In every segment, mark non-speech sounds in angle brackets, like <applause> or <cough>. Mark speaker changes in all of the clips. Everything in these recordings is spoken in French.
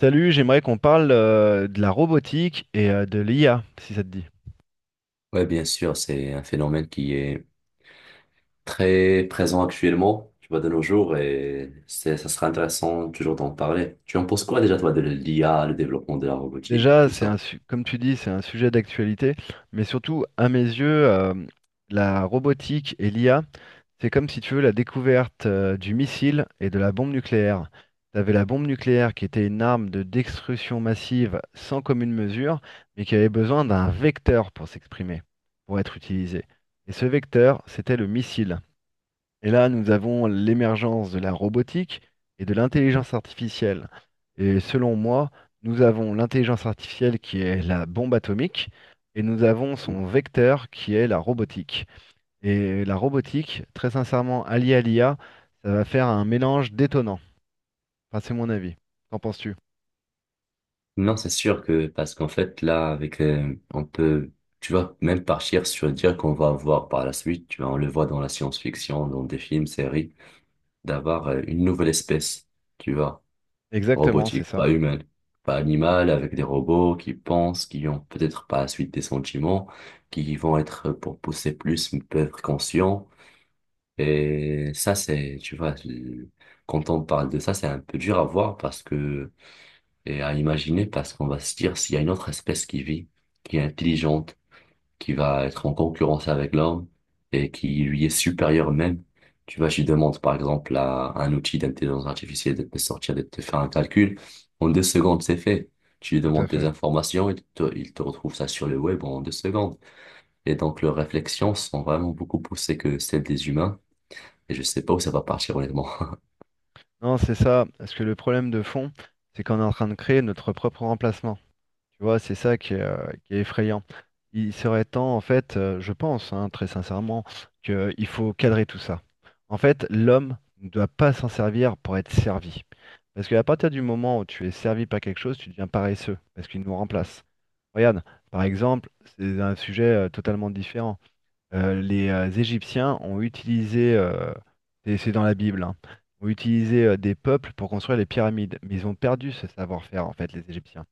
Speaker 1: Salut, j'aimerais qu'on parle de la robotique et de l'IA, si ça te dit.
Speaker 2: Oui, bien sûr, c'est un phénomène qui est très présent actuellement, tu vois, de nos jours, ça sera intéressant toujours d'en parler. Tu en penses quoi déjà, toi, de l'IA, le développement de la robotique,
Speaker 1: Déjà,
Speaker 2: tout ça?
Speaker 1: comme tu dis, c'est un sujet d'actualité, mais surtout, à mes yeux, la robotique et l'IA, c'est comme si tu veux la découverte du missile et de la bombe nucléaire. Tu avais la bombe nucléaire qui était une arme de destruction massive sans commune mesure, mais qui avait besoin d'un vecteur pour s'exprimer, pour être utilisé. Et ce vecteur, c'était le missile. Et là, nous avons l'émergence de la robotique et de l'intelligence artificielle. Et selon moi, nous avons l'intelligence artificielle qui est la bombe atomique et nous avons
Speaker 2: Mm.
Speaker 1: son vecteur qui est la robotique. Et la robotique, très sincèrement, alliée à l'IA, ça va faire un mélange détonnant. Enfin, c'est mon avis. Qu'en penses-tu?
Speaker 2: Non, c'est sûr que, parce qu'en fait, là, avec, on peut, tu vois, même partir sur dire qu'on va avoir par la suite, tu vois, on le voit dans la science-fiction, dans des films, séries, d'avoir une nouvelle espèce, tu vois.
Speaker 1: Exactement, c'est
Speaker 2: Robotique,
Speaker 1: ça.
Speaker 2: pas humaine, pas animale, avec des robots qui pensent, qui ont peut-être par la suite des sentiments, pour pousser plus, peut être conscients. Et ça, c'est, tu vois, quand on parle de ça, c'est un peu dur à voir parce que, et à imaginer parce qu'on va se dire s'il y a une autre espèce qui vit, qui est intelligente, qui va être en concurrence avec l'homme et qui lui est supérieur même. Tu vois, je lui demande par exemple à un outil d'intelligence artificielle de te sortir, de te faire un calcul. En 2 secondes, c'est fait. Tu lui
Speaker 1: Tout à
Speaker 2: demandes des
Speaker 1: fait.
Speaker 2: informations et il te retrouve ça sur le web en 2 secondes. Et donc, leurs réflexions sont vraiment beaucoup poussées que celles des humains. Et je sais pas où ça va partir, honnêtement. <laughs>
Speaker 1: Non, c'est ça, parce que le problème de fond, c'est qu'on est en train de créer notre propre remplacement. Tu vois, c'est ça qui est effrayant. Il serait temps, en fait, je pense, hein, très sincèrement, qu'il faut cadrer tout ça. En fait, l'homme ne doit pas s'en servir pour être servi. Parce qu'à partir du moment où tu es servi par quelque chose, tu deviens paresseux, parce qu'il nous remplace. Regarde, par exemple, c'est un sujet totalement différent. Les Égyptiens ont utilisé, et c'est dans la Bible, hein, ont utilisé des peuples pour construire les pyramides, mais ils ont perdu ce savoir-faire, en fait, les Égyptiens,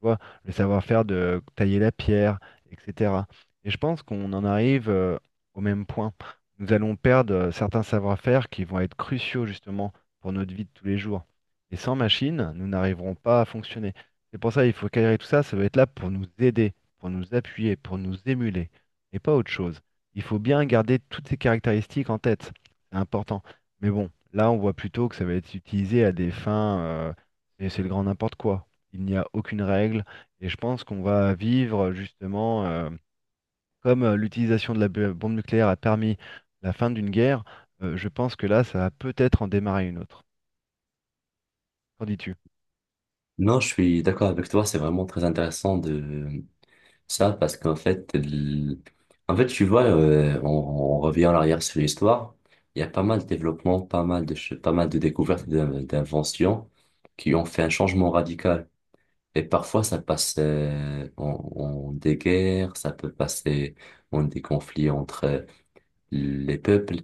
Speaker 1: tu vois, le savoir-faire de tailler la pierre, etc. Et je pense qu'on en arrive au même point. Nous allons perdre certains savoir-faire qui vont être cruciaux justement pour notre vie de tous les jours. Et sans machine, nous n'arriverons pas à fonctionner. C'est pour ça qu'il faut cadrer tout ça, ça doit être là pour nous aider, pour nous appuyer, pour nous émuler, et pas autre chose. Il faut bien garder toutes ces caractéristiques en tête, c'est important. Mais bon, là on voit plutôt que ça va être utilisé à des fins, et c'est le grand n'importe quoi, il n'y a aucune règle. Et je pense qu'on va vivre justement, comme l'utilisation de la bombe nucléaire a permis la fin d'une guerre, je pense que là, ça va peut-être en démarrer une autre. Qu'en dis-tu?
Speaker 2: Non, je suis d'accord avec toi. C'est vraiment très intéressant de, ça, parce qu'en fait, en fait, tu vois, on revient en arrière sur l'histoire. Il y a pas mal de développements, pas mal de, pas mal de découvertes, et d'inventions qui ont fait un changement radical. Et parfois, ça passe en des guerres, ça peut passer en des conflits entre les peuples.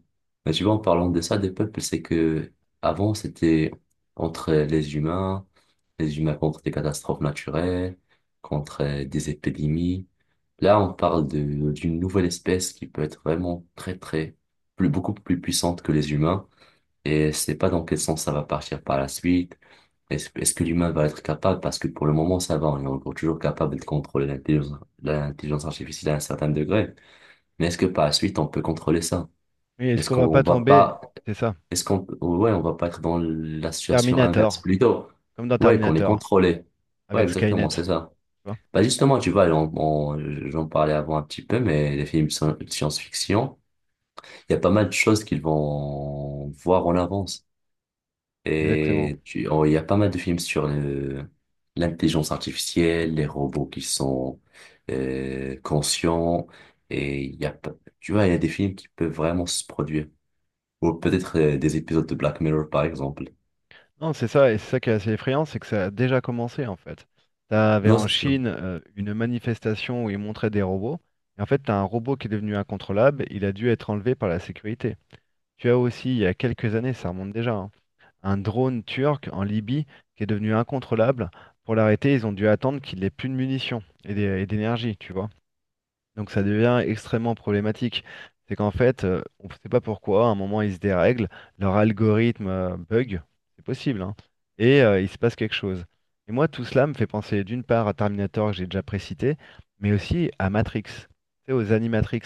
Speaker 2: Mais tu vois, en parlant de ça, des peuples, c'est que avant, c'était entre les humains contre des catastrophes naturelles, contre des épidémies. Là, on parle d'une nouvelle espèce qui peut être vraiment plus, beaucoup plus puissante que les humains. Et c'est pas dans quel sens ça va partir par la suite. Est-ce que l'humain va être capable? Parce que pour le moment, ça va. On est encore toujours capable de contrôler l'intelligence artificielle à un certain degré. Mais est-ce que par la suite, on peut contrôler ça?
Speaker 1: Mais est-ce
Speaker 2: Est-ce
Speaker 1: qu'on va
Speaker 2: qu'on
Speaker 1: pas
Speaker 2: va
Speaker 1: tomber?
Speaker 2: pas,
Speaker 1: C'est ça.
Speaker 2: est-ce qu'on, ouais, on va pas être dans la situation inverse
Speaker 1: Terminator,
Speaker 2: plutôt?
Speaker 1: comme dans
Speaker 2: Ouais, qu'on est
Speaker 1: Terminator,
Speaker 2: contrôlé. Ouais,
Speaker 1: avec Skynet,
Speaker 2: exactement,
Speaker 1: tu
Speaker 2: c'est ça.
Speaker 1: vois.
Speaker 2: Bah justement, tu vois, j'en parlais avant un petit peu, mais les films de science-fiction, il y a pas mal de choses qu'ils vont voir en avance.
Speaker 1: Exactement.
Speaker 2: Et tu, oh, il y a pas mal de films sur l'intelligence artificielle, les robots qui sont conscients, et il y a, pas- tu vois, il y a des films qui peuvent vraiment se produire. Ou peut-être des épisodes de Black Mirror, par exemple.
Speaker 1: Non, c'est ça, et c'est ça qui est assez effrayant, c'est que ça a déjà commencé en fait. T'avais
Speaker 2: Non,
Speaker 1: en
Speaker 2: c'est sûr.
Speaker 1: Chine une manifestation où ils montraient des robots, et en fait, t'as un robot qui est devenu incontrôlable, il a dû être enlevé par la sécurité. Tu as aussi, il y a quelques années, ça remonte déjà, hein, un drone turc en Libye qui est devenu incontrôlable. Pour l'arrêter, ils ont dû attendre qu'il ait plus de munitions et d'énergie, tu vois. Donc ça devient extrêmement problématique. C'est qu'en fait, on ne sait pas pourquoi, à un moment, ils se dérèglent, leur algorithme bug, c'est possible, hein, et il se passe quelque chose. Et moi, tout cela me fait penser d'une part à Terminator que j'ai déjà précité, mais aussi à Matrix, tu sais, aux Animatrix.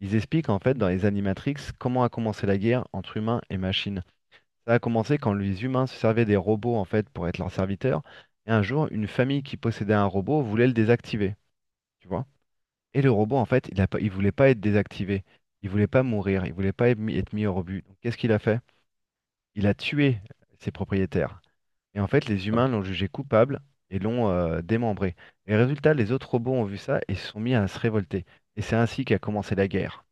Speaker 1: Ils expliquent en fait dans les Animatrix comment a commencé la guerre entre humains et machines. Ça a commencé quand les humains se servaient des robots en fait pour être leurs serviteurs, et un jour, une famille qui possédait un robot voulait le désactiver, tu vois. Et le robot, en fait, il voulait pas être désactivé. Il voulait pas mourir. Il voulait pas être mis au rebut. Donc, qu'est-ce qu'il a fait? Il a tué ses propriétaires. Et en fait, les humains l'ont jugé coupable et l'ont démembré. Et résultat, les autres robots ont vu ça et se sont mis à se révolter. Et c'est ainsi qu'a commencé la guerre.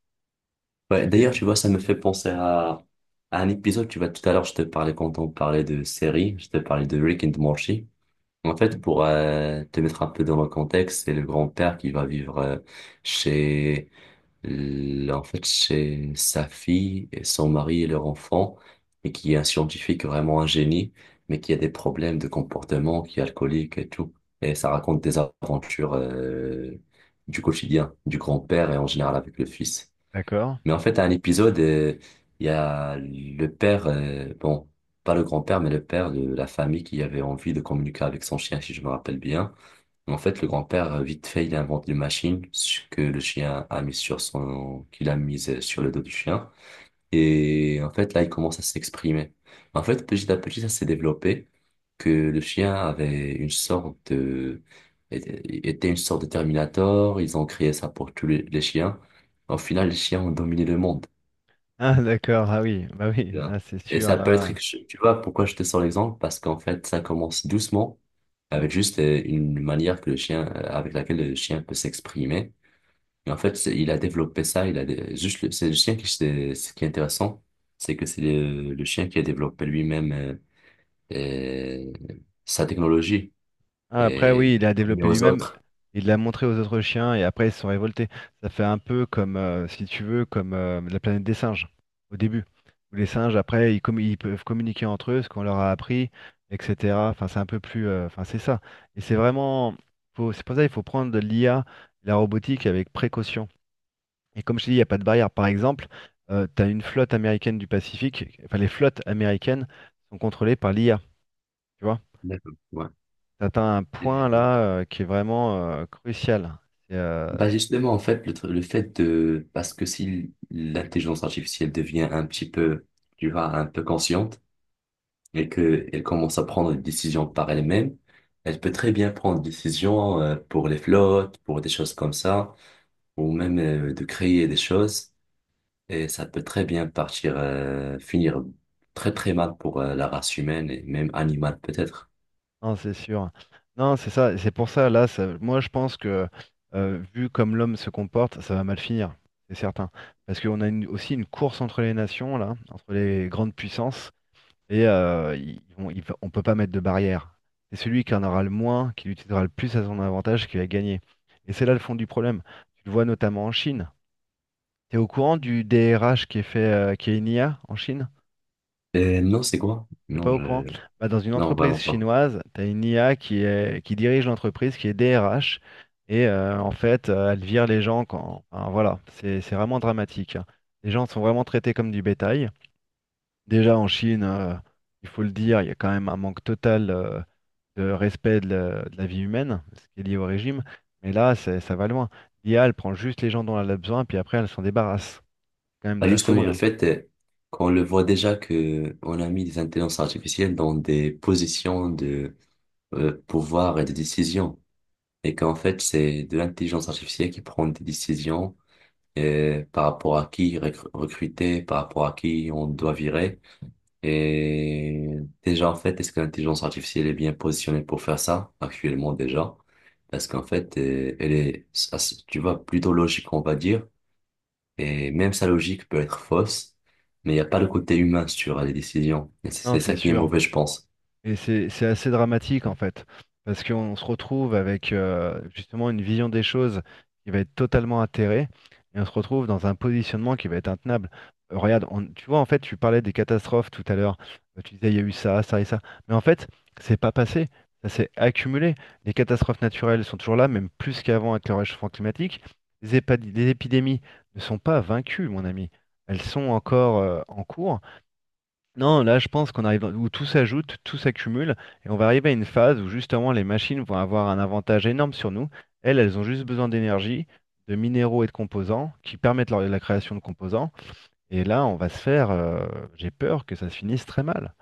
Speaker 1: Et
Speaker 2: Ouais,
Speaker 1: C'était.
Speaker 2: d'ailleurs, tu vois, ça me
Speaker 1: Oui.
Speaker 2: fait penser à un épisode, tu vois, tout à l'heure, je te parlais quand on parlait de séries, je te parlais de Rick and Morty. En fait, pour te mettre un peu dans le contexte, c'est le grand-père qui va vivre chez en fait, c'est sa fille, et son mari et leur enfant, et qui est un scientifique vraiment un génie, mais qui a des problèmes de comportement, qui est alcoolique et tout. Et ça raconte des aventures du quotidien, du grand-père et en général avec le fils.
Speaker 1: D'accord.
Speaker 2: Mais en fait, à un épisode, il y a le père, bon, pas le grand-père, mais le père de la famille qui avait envie de communiquer avec son chien, si je me rappelle bien. En fait, le grand-père, vite fait, il invente une machine que le chien a mise sur son, qu'il a mise sur le dos du chien. Et en fait, là, il commence à s'exprimer. En fait, petit à petit, ça s'est développé que le chien avait une sorte de... était une sorte de Terminator. Ils ont créé ça pour les chiens. Au final, les chiens ont dominé le monde.
Speaker 1: Ah, d'accord. Ah oui. Bah oui.
Speaker 2: Tu
Speaker 1: Ah,
Speaker 2: vois.
Speaker 1: c'est
Speaker 2: Et
Speaker 1: sûr,
Speaker 2: ça peut être...
Speaker 1: là.
Speaker 2: Tu vois pourquoi je te sors l'exemple? Parce qu'en fait, ça commence doucement, avec juste une manière que avec laquelle le chien peut s'exprimer. Et en fait, il a développé ça, il a dé- juste le- c'est le chien qui c'est ce qui est intéressant, c'est que c'est le chien qui a développé lui-même euh, sa technologie
Speaker 1: Ah, après,
Speaker 2: et il
Speaker 1: oui,
Speaker 2: l'a
Speaker 1: il a
Speaker 2: permis
Speaker 1: développé
Speaker 2: aux
Speaker 1: lui-même,
Speaker 2: autres.
Speaker 1: il l'a montré aux autres chiens et après ils se sont révoltés. Ça fait un peu comme, si tu veux, comme la planète des singes au début. Où les singes, après, ils peuvent communiquer entre eux, ce qu'on leur a appris, etc. Enfin, c'est un peu plus. Enfin, c'est ça. Et c'est vraiment. C'est pour ça qu'il faut prendre l'IA, la robotique avec précaution. Et comme je te dis, il n'y a pas de barrière. Par exemple, tu as une flotte américaine du Pacifique. Enfin, les flottes américaines sont contrôlées par l'IA.
Speaker 2: D'accord. Ouais.
Speaker 1: T'atteins un point
Speaker 2: Et-
Speaker 1: là qui est vraiment crucial. C'est, euh,
Speaker 2: bah justement, en fait, le fait de parce que si l'intelligence artificielle devient un petit peu, tu vois, un peu consciente et que elle commence à prendre des décisions par elle-même, elle peut très bien prendre des décisions pour les flottes, pour des choses comme ça, ou même de créer des choses. Et ça peut très bien partir, finir très très mal pour la race humaine et même animale peut-être.
Speaker 1: non, c'est sûr. Non, c'est ça. C'est pour ça, là, moi je pense que vu comme l'homme se comporte, ça va mal finir, c'est certain. Parce qu'on a aussi une course entre les nations, là, entre les grandes puissances, et on ne peut pas mettre de barrière. C'est celui qui en aura le moins, qui l'utilisera le plus à son avantage, qui va gagner. Et c'est là le fond du problème. Tu le vois notamment en Chine. T'es au courant du DRH qui est fait, qui est une IA en Chine?
Speaker 2: Non, c'est quoi?
Speaker 1: T'es
Speaker 2: Non,
Speaker 1: pas au courant?
Speaker 2: je...
Speaker 1: Bah, dans une
Speaker 2: non,
Speaker 1: entreprise
Speaker 2: vraiment pas.
Speaker 1: chinoise, tu as une IA qui est, qui dirige l'entreprise, qui est DRH, et elle vire les gens quand, enfin, voilà, c'est vraiment dramatique, hein. Les gens sont vraiment traités comme du bétail. Déjà en Chine, il faut le dire, il y a quand même un manque total de respect de de la vie humaine, ce qui est lié au régime. Mais là, ça va loin. L'IA, elle prend juste les gens dont elle a besoin, puis après, elle s'en débarrasse. C'est quand même de
Speaker 2: Bah,
Speaker 1: la
Speaker 2: justement,
Speaker 1: folie,
Speaker 2: le
Speaker 1: hein.
Speaker 2: fait qu'on le voit déjà que on a mis des intelligences artificielles dans des positions de pouvoir et de décision, et qu'en fait, c'est de l'intelligence artificielle qui prend des décisions par rapport à qui recruter, par rapport à qui on doit virer. Et déjà, en fait, est-ce que l'intelligence artificielle est bien positionnée pour faire ça actuellement déjà? Parce qu'en fait, elle est, tu vois, plutôt logique, on va dire. Et même sa logique peut être fausse, mais il n'y a pas le côté humain sur les décisions. Et
Speaker 1: Non,
Speaker 2: c'est ça
Speaker 1: c'est
Speaker 2: qui est
Speaker 1: sûr.
Speaker 2: mauvais, je pense.
Speaker 1: Et c'est assez dramatique en fait, parce qu'on se retrouve avec justement une vision des choses qui va être totalement atterrée, et on se retrouve dans un positionnement qui va être intenable. Regarde, tu vois, en fait, tu parlais des catastrophes tout à l'heure. Tu disais il y a eu ça, ça et ça, mais en fait, c'est pas passé, ça s'est accumulé. Les catastrophes naturelles sont toujours là, même plus qu'avant avec le réchauffement climatique. Les épidémies ne sont pas vaincues, mon ami, elles sont encore en cours. Non, là, je pense qu'on arrive où tout s'ajoute, tout s'accumule, et on va arriver à une phase où justement les machines vont avoir un avantage énorme sur nous. Elles, elles ont juste besoin d'énergie, de minéraux et de composants qui permettent la création de composants. Et là, on va se faire, j'ai peur que ça se finisse très mal.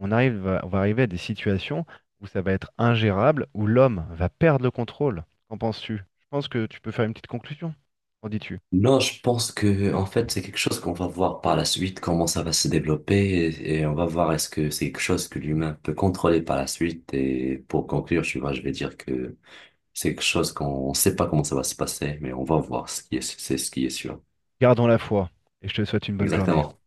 Speaker 1: On va arriver à des situations où ça va être ingérable, où l'homme va perdre le contrôle. Qu'en penses-tu? Je pense que tu peux faire une petite conclusion. Qu'en dis-tu?
Speaker 2: Non, je pense que en fait c'est quelque chose qu'on va voir par la suite comment ça va se développer et on va voir est-ce que c'est quelque chose que l'humain peut contrôler par la suite et pour conclure tu vois je vais dire que c'est quelque chose qu'on ne sait pas comment ça va se passer, mais on va voir c'est ce qui est sûr.
Speaker 1: Gardons la foi, et je te souhaite une bonne journée.
Speaker 2: Exactement.